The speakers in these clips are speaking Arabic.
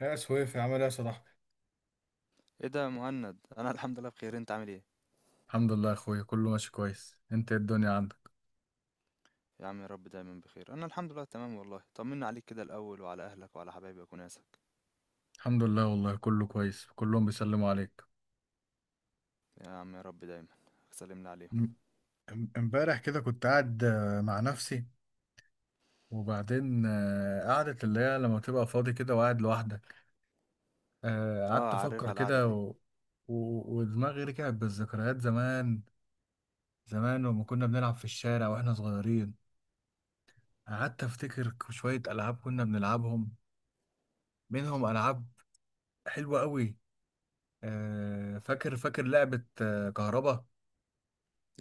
يا سويفي عامل ايه يا صاحبي. ايه ده يا مهند، انا الحمد لله بخير، انت عامل ايه؟ الحمد لله يا اخويا كله ماشي كويس. انت إيه الدنيا عندك؟ يا عم يا رب دايما بخير. انا الحمد لله تمام والله. طمنا عليك كده الاول وعلى اهلك وعلى حبايبك وناسك. الحمد لله والله كله كويس، كلهم بيسلموا عليك. يا عم يا رب دايما. سلمنا عليهم. ام- امبارح كده كنت قاعد مع نفسي، وبعدين قعدة اللي هي لما تبقى فاضي كده وقاعد لوحدك. اه، قعدت عارف افكر على القعده كده دي. و... ودماغي رجعت بالذكريات زمان. زمان لما كنا بنلعب في الشارع واحنا صغيرين، قعدت افتكر شوية العاب كنا بنلعبهم، منهم العاب حلوة قوي. فاكر فاكر لعبة كهربا.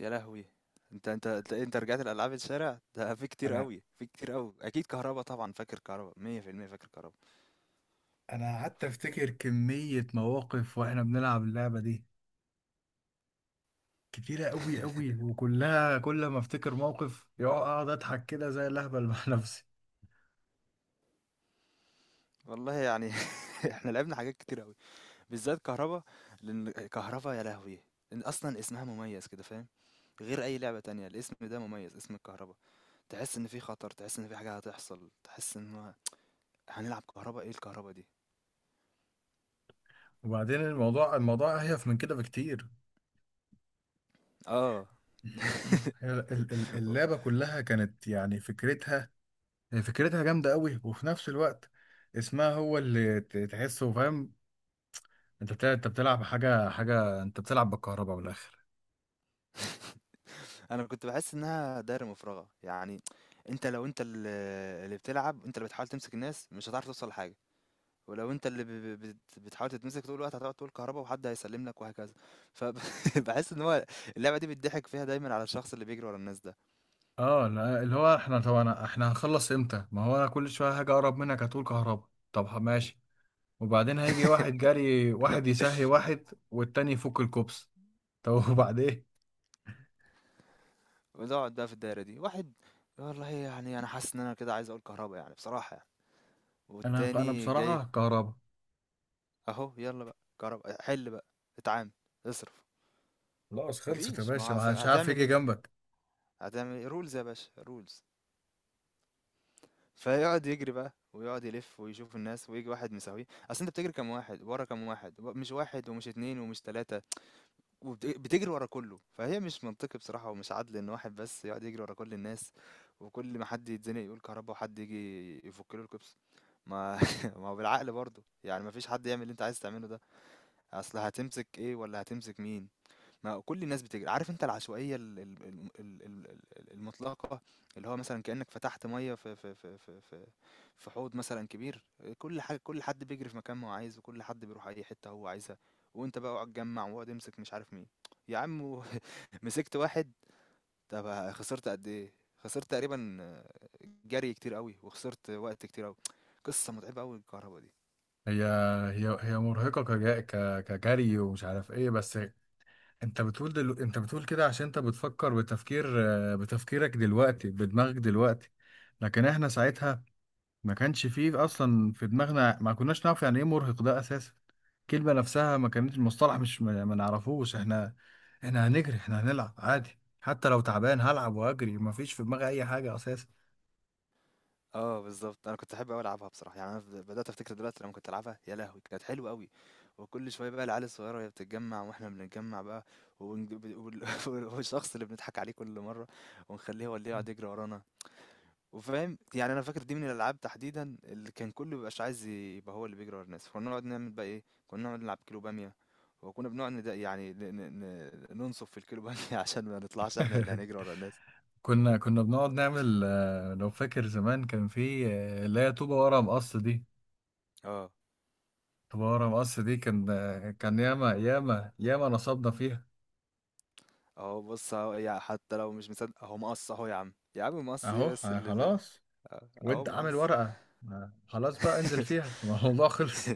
يا لهوي! انت رجعت لالعاب الشارع ده؟ في كتير انا قوي، في كتير قوي. اكيد كهربا، طبعا فاكر كهربا 100%، فاكر كهربا. انا قعدت افتكر كمية مواقف واحنا بنلعب اللعبة دي، كتيرة قوي قوي، وكلها كل ما افتكر موقف يقعد اقعد اضحك كده زي الاهبل مع نفسي. والله يعني احنا لعبنا حاجات كتير قوي، بالذات كهربا. لان كهربا يا لهوي، إن اصلا اسمها مميز كده، فاهم؟ غير اي لعبه تانية، الاسم ده مميز، اسم الكهربا. تحس ان في خطر، تحس ان في حاجة هتحصل، تحس ان هو هنلعب كهرباء. ايه الكهرباء دي؟ وبعدين الموضوع اهيف من كده بكتير. اه هي اللعبة كلها كانت يعني فكرتها، هي فكرتها جامدة قوي، وفي نفس الوقت اسمها هو اللي تحسه فاهم. انت بتلعب حاجة انت بتلعب بالكهرباء بالاخر. انا كنت بحس انها دايرة مفرغة يعني. انت لو انت اللي بتلعب، انت اللي بتحاول تمسك الناس، مش هتعرف توصل لحاجة. ولو انت اللي بتحاول تتمسك طول الوقت، هتقعد تقول كهرباء وحد هيسلم لك وهكذا. فبحس ان هو اللعبة دي بتضحك فيها دايما على الشخص اللي بيجري ورا الناس ده. اه لا، اللي هو احنا طبعا احنا هنخلص امتى؟ ما هو انا كل شويه هاجي اقرب منك هتقول كهربا، طب ماشي. وبعدين هيجي واحد جري، واحد يسهي واحد والتاني يفك الكوبس. طب وبعدين؟ بنقعد بقى في الدايرة دي واحد. والله يعني انا حاسس ان انا كده عايز اقول كهرباء يعني، بصراحة يعني. انا والتاني جاي. بصراحه كهربا. أهو، يلا بقى، جرب حل بقى، اتعامل، اصرف. خلاص خلصت يا مفيش، ما باشا، هو ما حدش عارف هتعمل يجي ايه؟ جنبك. هتعمل ايه؟ رولز يا باشا، رولز. فيقعد يجري بقى ويقعد يلف ويشوف الناس، ويجي واحد مساويه، اصل انت بتجري كام واحد ورا كام واحد، مش واحد ومش اتنين ومش تلاتة، وبتجري ورا كله. فهي مش منطقي بصراحة ومش عدل ان واحد بس يقعد يجري ورا كل الناس، وكل ما حد يتزنق يقول كهربا وحد يجي يفك له الكبس. ما ما هو بالعقل برضه يعني، ما فيش حد يعمل اللي انت عايز تعمله ده. اصل هتمسك ايه ولا هتمسك مين؟ ما كل الناس بتجري، عارف انت العشوائيه المطلقه، اللي هو مثلا كانك فتحت ميه في حوض مثلا كبير، كل حاجه، كل حد بيجري في مكان ما هو عايز، وكل حد بيروح اي حته هو عايزها. وانت بقى اقعد تجمع واقعد امسك مش عارف مين. يا عم! مسكت واحد، طب خسرت قد ايه؟ خسرت تقريبا جري كتير قوي، وخسرت وقت كتير قوي. قصه متعبه قوي الكهرباء دي. هي هي هي مرهقه كجري ومش عارف ايه، بس انت بتقول انت بتقول كده عشان انت بتفكر بتفكير، بتفكيرك دلوقتي، بدماغك دلوقتي. لكن احنا ساعتها ما كانش فيه اصلا في دماغنا، ما كناش نعرف يعني ايه مرهق ده اساسا. الكلمه نفسها ما كانت المصطلح مش ما نعرفوش احنا. احنا هنجري، احنا هنلعب عادي، حتى لو تعبان هلعب واجري، ما فيش في دماغي اي حاجه اساسا. آه بالضبط، أنا كنت أحب أوي ألعبها بصراحة، يعني أنا بدأت أفتكر دلوقتي لمّا كنت ألعبها. يا لهوي! كانت حلوة أوي، وكل شوية بقى العيال الصغيرة وهي بتتجمّع وإحنا بنتجمّع بقى، ونج ب وال والشخص اللي بنضحك عليه كل مرّة ونخلّيه هو اللي يقعد يجري ورانا. وفاهم، يعني أنا فاكر دي من الألعاب تحديدًا اللي كان كُلّه ما بيبقاش عايز يبقى هو اللي بيجري ورا الناس. كُنّا نقعد نعمل بقى إيه؟ كُنّا نقعد نلعب كيلو بامية، وكُنّا بنقعد ند يعني ن ن ن ننصُف في الكيلو بامية عشان ما نطلعش إحنا اللي هنجري ورا الناس. كنا بنقعد نعمل، لو فاكر زمان كان في اللي هي طوبه ورا مقص دي. آه. طوبه ورا مقص دي كان كان ياما ياما ياما نصبنا فيها. اهو بص، اهو يعني حتى لو مش مصدق اهو مقص، اهو يا عم، يا عم مقص ايه اهو بس اللي ده؟ خلاص، اهو، أهو وانت عامل مقص. ورقه، خلاص بقى انزل فيها الموضوع خلص.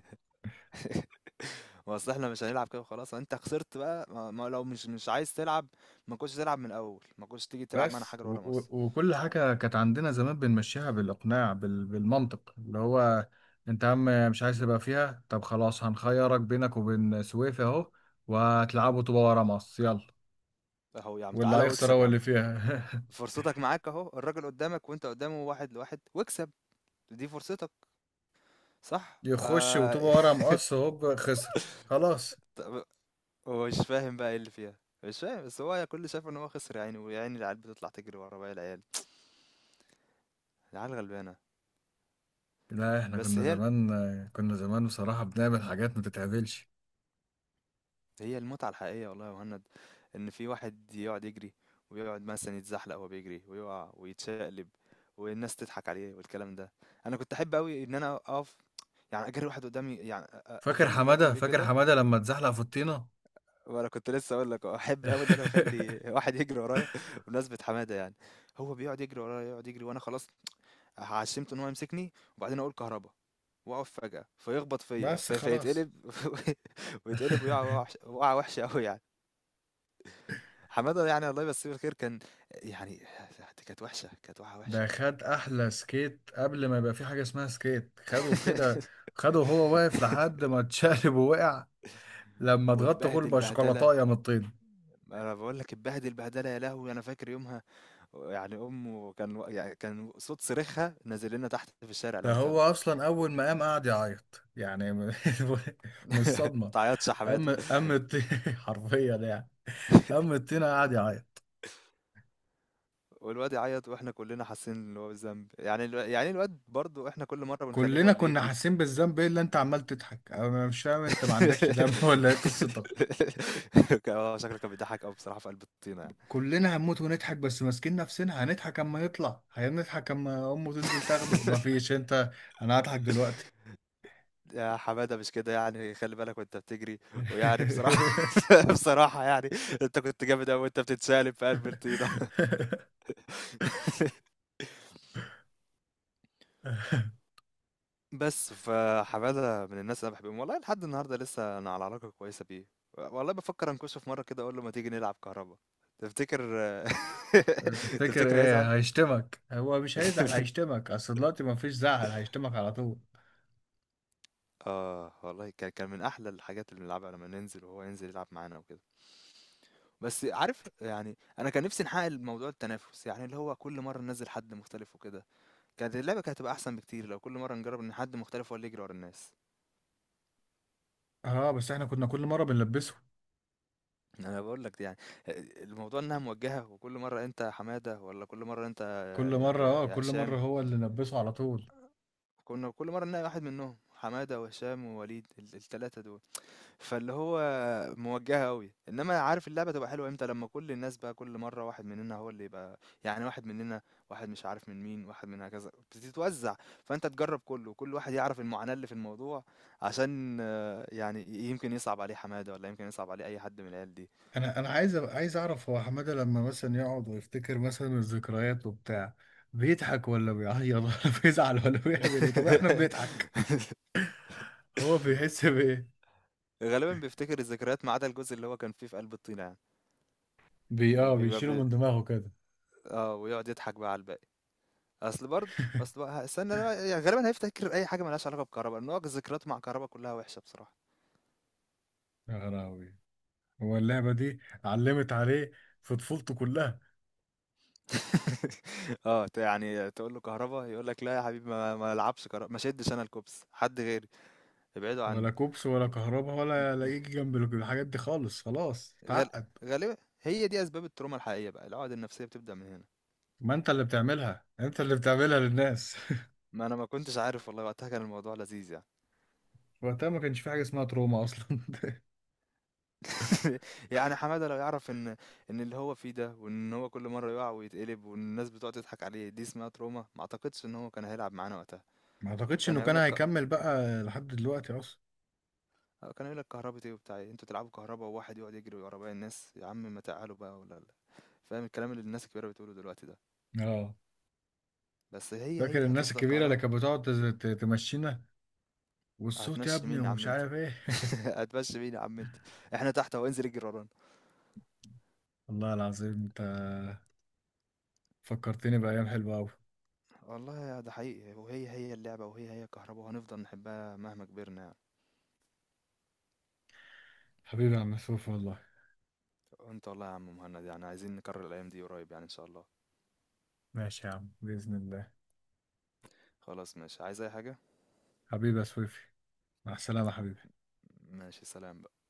ما اصل احنا مش هنلعب كده وخلاص. انت خسرت بقى، ما لو مش عايز تلعب ما كنتش تلعب من الاول، ما كنتش تيجي تلعب معانا بس حاجه و ورا و مقص. وكل حاجة كانت عندنا زمان بنمشيها بالإقناع، بالمنطق اللي هو أنت يا عم مش عايز تبقى فيها، طب خلاص هنخيرك بينك وبين سويفي أهو، وهتلعبوا طوبة ورا مقص يلا، اهو يا عم، واللي تعالى هيخسر واكسب هو يا عم، اللي فيها. فرصتك معاك اهو، الراجل قدامك وانت قدامه، واحد لواحد، واكسب. دي فرصتك، صح؟ يخش وطوبة ورا مقص هوب خسر خلاص. طب هو مش فاهم بقى ايه اللي فيها، مش فاهم، بس هو كل اللي شايف ان هو خسر يعني. ويا عيني، العيال بتطلع تجري ورا باقي العيال. العيال غلبانة لا، احنا بس. كنا هي زمان، كنا زمان بصراحة بنعمل حاجات ما تتعملش. هي المتعة الحقيقية والله يا مهند، إن في واحد يقعد يجري، ويقعد مثلا يتزحلق وهو بيجري ويقع ويتشقلب والناس تضحك عليه والكلام ده. أنا كنت أحب أوي إن أنا أقف، يعني أجري واحد قدامي، يعني فاكر أخلي الواد حمادة؟ اللي بيجري فاكر ده، حمادة لما اتزحلق في الطينة؟ وأنا كنت لسه أقول لك أحب أوي إن أنا أخلي واحد يجري ورايا بمناسبة حمادة يعني. هو بيقعد يجري ورايا، يقعد يجري وأنا خلاص عشمته ان هو يمسكني وبعدين اقول كهربا، واقف فجأة فيخبط فيا بس خلاص. فيتقلب. ويتقلب ويقع وقعة وحشة أوي يعني. حمادة، يعني الله يمسيه بالخير، كان يعني دي كانت وحشة، كانت وقعة وحشة. ده خد احلى سكيت قبل ما يبقى في حاجه اسمها سكيت، خده في كده، خده وهو واقف لحد ما اتشقلب ووقع، لما اتغطى كله واتبهدل بقى بهدلة. شوكولاتايه من الطين. أنا بقول لك اتبهدل بهدلة يا لهوي، أنا فاكر يومها، يعني أمه كان يعني كان صوت صريخها نازل لنا تحت في الشارع ده لما هو طلع. اصلا اول ما قام قعد يعيط يعني من من الصدمه. متعيطش يا قام حمادة! قام الطين حرفيا يعني، قام الطين قعد يعيط. والواد يعيط واحنا كلنا حاسين ان هو بالذنب، يعني يعني الواد برضه احنا كل مره بنخليه هو كلنا اللي كنا يجري. حاسين بالذنب. ايه اللي انت عمال تضحك؟ انا مش فاهم، انت ما عندكش دم ولا ايه قصتك؟ شكله كان بيضحك قوي بصراحه في قلب الطينه يعني. كلنا هنموت ونضحك بس ماسكين نفسنا، هنضحك اما يطلع، هنضحك اما امه تنزل تاخده، مفيش. انت انا هضحك دلوقتي. يا حماده مش كده يعني، خلي بالك وانت بتجري. ويعني بصراحه بصراحه يعني، انت كنت جامد قوي وانت بتتسالب في قلب الطينه. بس، فحمادة من الناس اللي أنا باحبهم، والله لحد النهارده لسه أنا على علاقة كويسة بيه، والله بافكر أنكشه في مرة كده أقول له ما تيجي نلعب كهربا، تفتكر تفتكر تفتكر هيزعل؟ ايه؟ هيشتمك، هو مش هيزعل هيشتمك، اصل دلوقتي مفيش زعل هيشتمك على طول. آه، والله كان كان من أحلى الحاجات اللي بنلعبها لمّا ننزل وهو ينزل يلعب معانا وكده. بس عارف يعني، أنا كان نفسي نحقق الموضوع التنافس، يعني اللي هو كل مرة ننزل حد مختلف وكده، كانت اللعبة كانت هتبقى أحسن بكتير لو كل مرة نجرب إن حد مختلف هو اللي يجري ورا الناس. اه بس احنا كنا كل مره بنلبسه، أنا باقول لك يعني آآ الموضوع إنها موجّهة، وكل مرّة أنت يا حمادة والّا كل مرّة أنت كل مره اه يا كل مره هشام، هو اللي نلبسه على طول. كنا كل مرّة نلاقي واحد منّهم، حمادة وهشام ووليد، ال ال3 دول. فاللي هو موجّهة أوي، إنّما عارف اللعبة تبقى حلوة إمتى؟ لمّا كل الناس بقى كل مرّة واحد مننا هو اللي يبقى، يعني واحد مننا، واحد مش عارف من مين، واحد من هكذا، بتتوزّع، فأنت تجرّب كُلّه وكل واحد يعرف المعاناة اللي في الموضوع، عشان يعني يمكن يصعب عليه حمادة والّا يمكن يصعب عليه أي حد من العيال دي. انا عايز عايز اعرف هو حماده لما مثلا يقعد ويفتكر مثلا الذكريات وبتاع، بيضحك ولا بيعيط ولا بيزعل ولا بيعمل ايه؟ طب احنا بنضحك، هو بيحس بايه؟ غالبًا بيفتكر الذكريات ما عدا الجزء اللي هو كان فيه في قلب الطينة يعني، بي اه وبيبقى بيشيله ب من دماغه كده. آه، ويقعد يضحك بقى على الباقي. أصل برضه أصل بقى، استنى بقى يعني، غالبًا هيفتكر أي حاجة ما لهاش علاقة بكهربا، لأن هو ذكرياته مع كهربا كلها وحشة بصراحة. يا غراوي، هو اللعبه دي علمت عليه في طفولته كلها. آه، يعني تقول له كهربا يقول لك لا يا حبيبي، ما العبش كهربا، ما شدش أنا الكوبس، حد غيري، ابعدوا عني. ولا كوبس ولا كهرباء ولا يجي جنب الحاجات دي خالص، خلاص غال اتعقد. غالبًا هي دي أسباب التروما الحقيقية بقى، العقد النفسية بتبدأ من هنا. ما انت اللي بتعملها، انت اللي بتعملها للناس. ما أنا ما كنتش عارف والله، وقتها كان الموضوع لذيذ يعني. وقتها ما كانش في حاجه اسمها تروما اصلا. يعني حمادة لو يعرف إن إن اللي هو فيه ده، وإن هو كل مرة يقع ويتقلب وإن الناس بتقعد تضحك عليه دي اسمها تروما، ما أعتقدش إن هو كان هيلعب معانا وقتها. ما اعتقدش كان انه هيقول كان لك هيكمل بقى لحد دلوقتي اصلا. كان هيقول لك كهربا إيه وبتاع إيه؟ أنتوا تلعبوا كهربا وواحد يقعد يجري ورا باقي الناس؟ يا عم ما تعالوا بقى، ولا لا، فاهم الكلام اللي الناس الكبيرة بتقوله دلوقتي ده. اه. بس هي فاكر هي الناس هتفضل الكبيرة اللي كهربا. كانت بتقعد تمشينا، والصوت يا هتمشي ابني مين يا عم ومش أنت؟ عارف ايه؟ هتمشي مين يا عم أنت؟ إحنا تحت وانزل اجري ورانا. والله العظيم انت فكرتني بأيام حلوة أوي. والله ده حقيقي، وهي هي اللعبة وهي هي كهربا، وهنفضل نحبها مهما كبرنا. حبيبي يا عم سويفي والله. وانت والله يا عم مهند، يعني عايزين نكرر الايام دي قريب يعني ان شاء الله. ماشي يا عم بإذن الله. خلاص ماشي، عايز اي حاجة؟ حبيبي يا سويفي، مع السلامة حبيبي. ماشي، سلام بقى.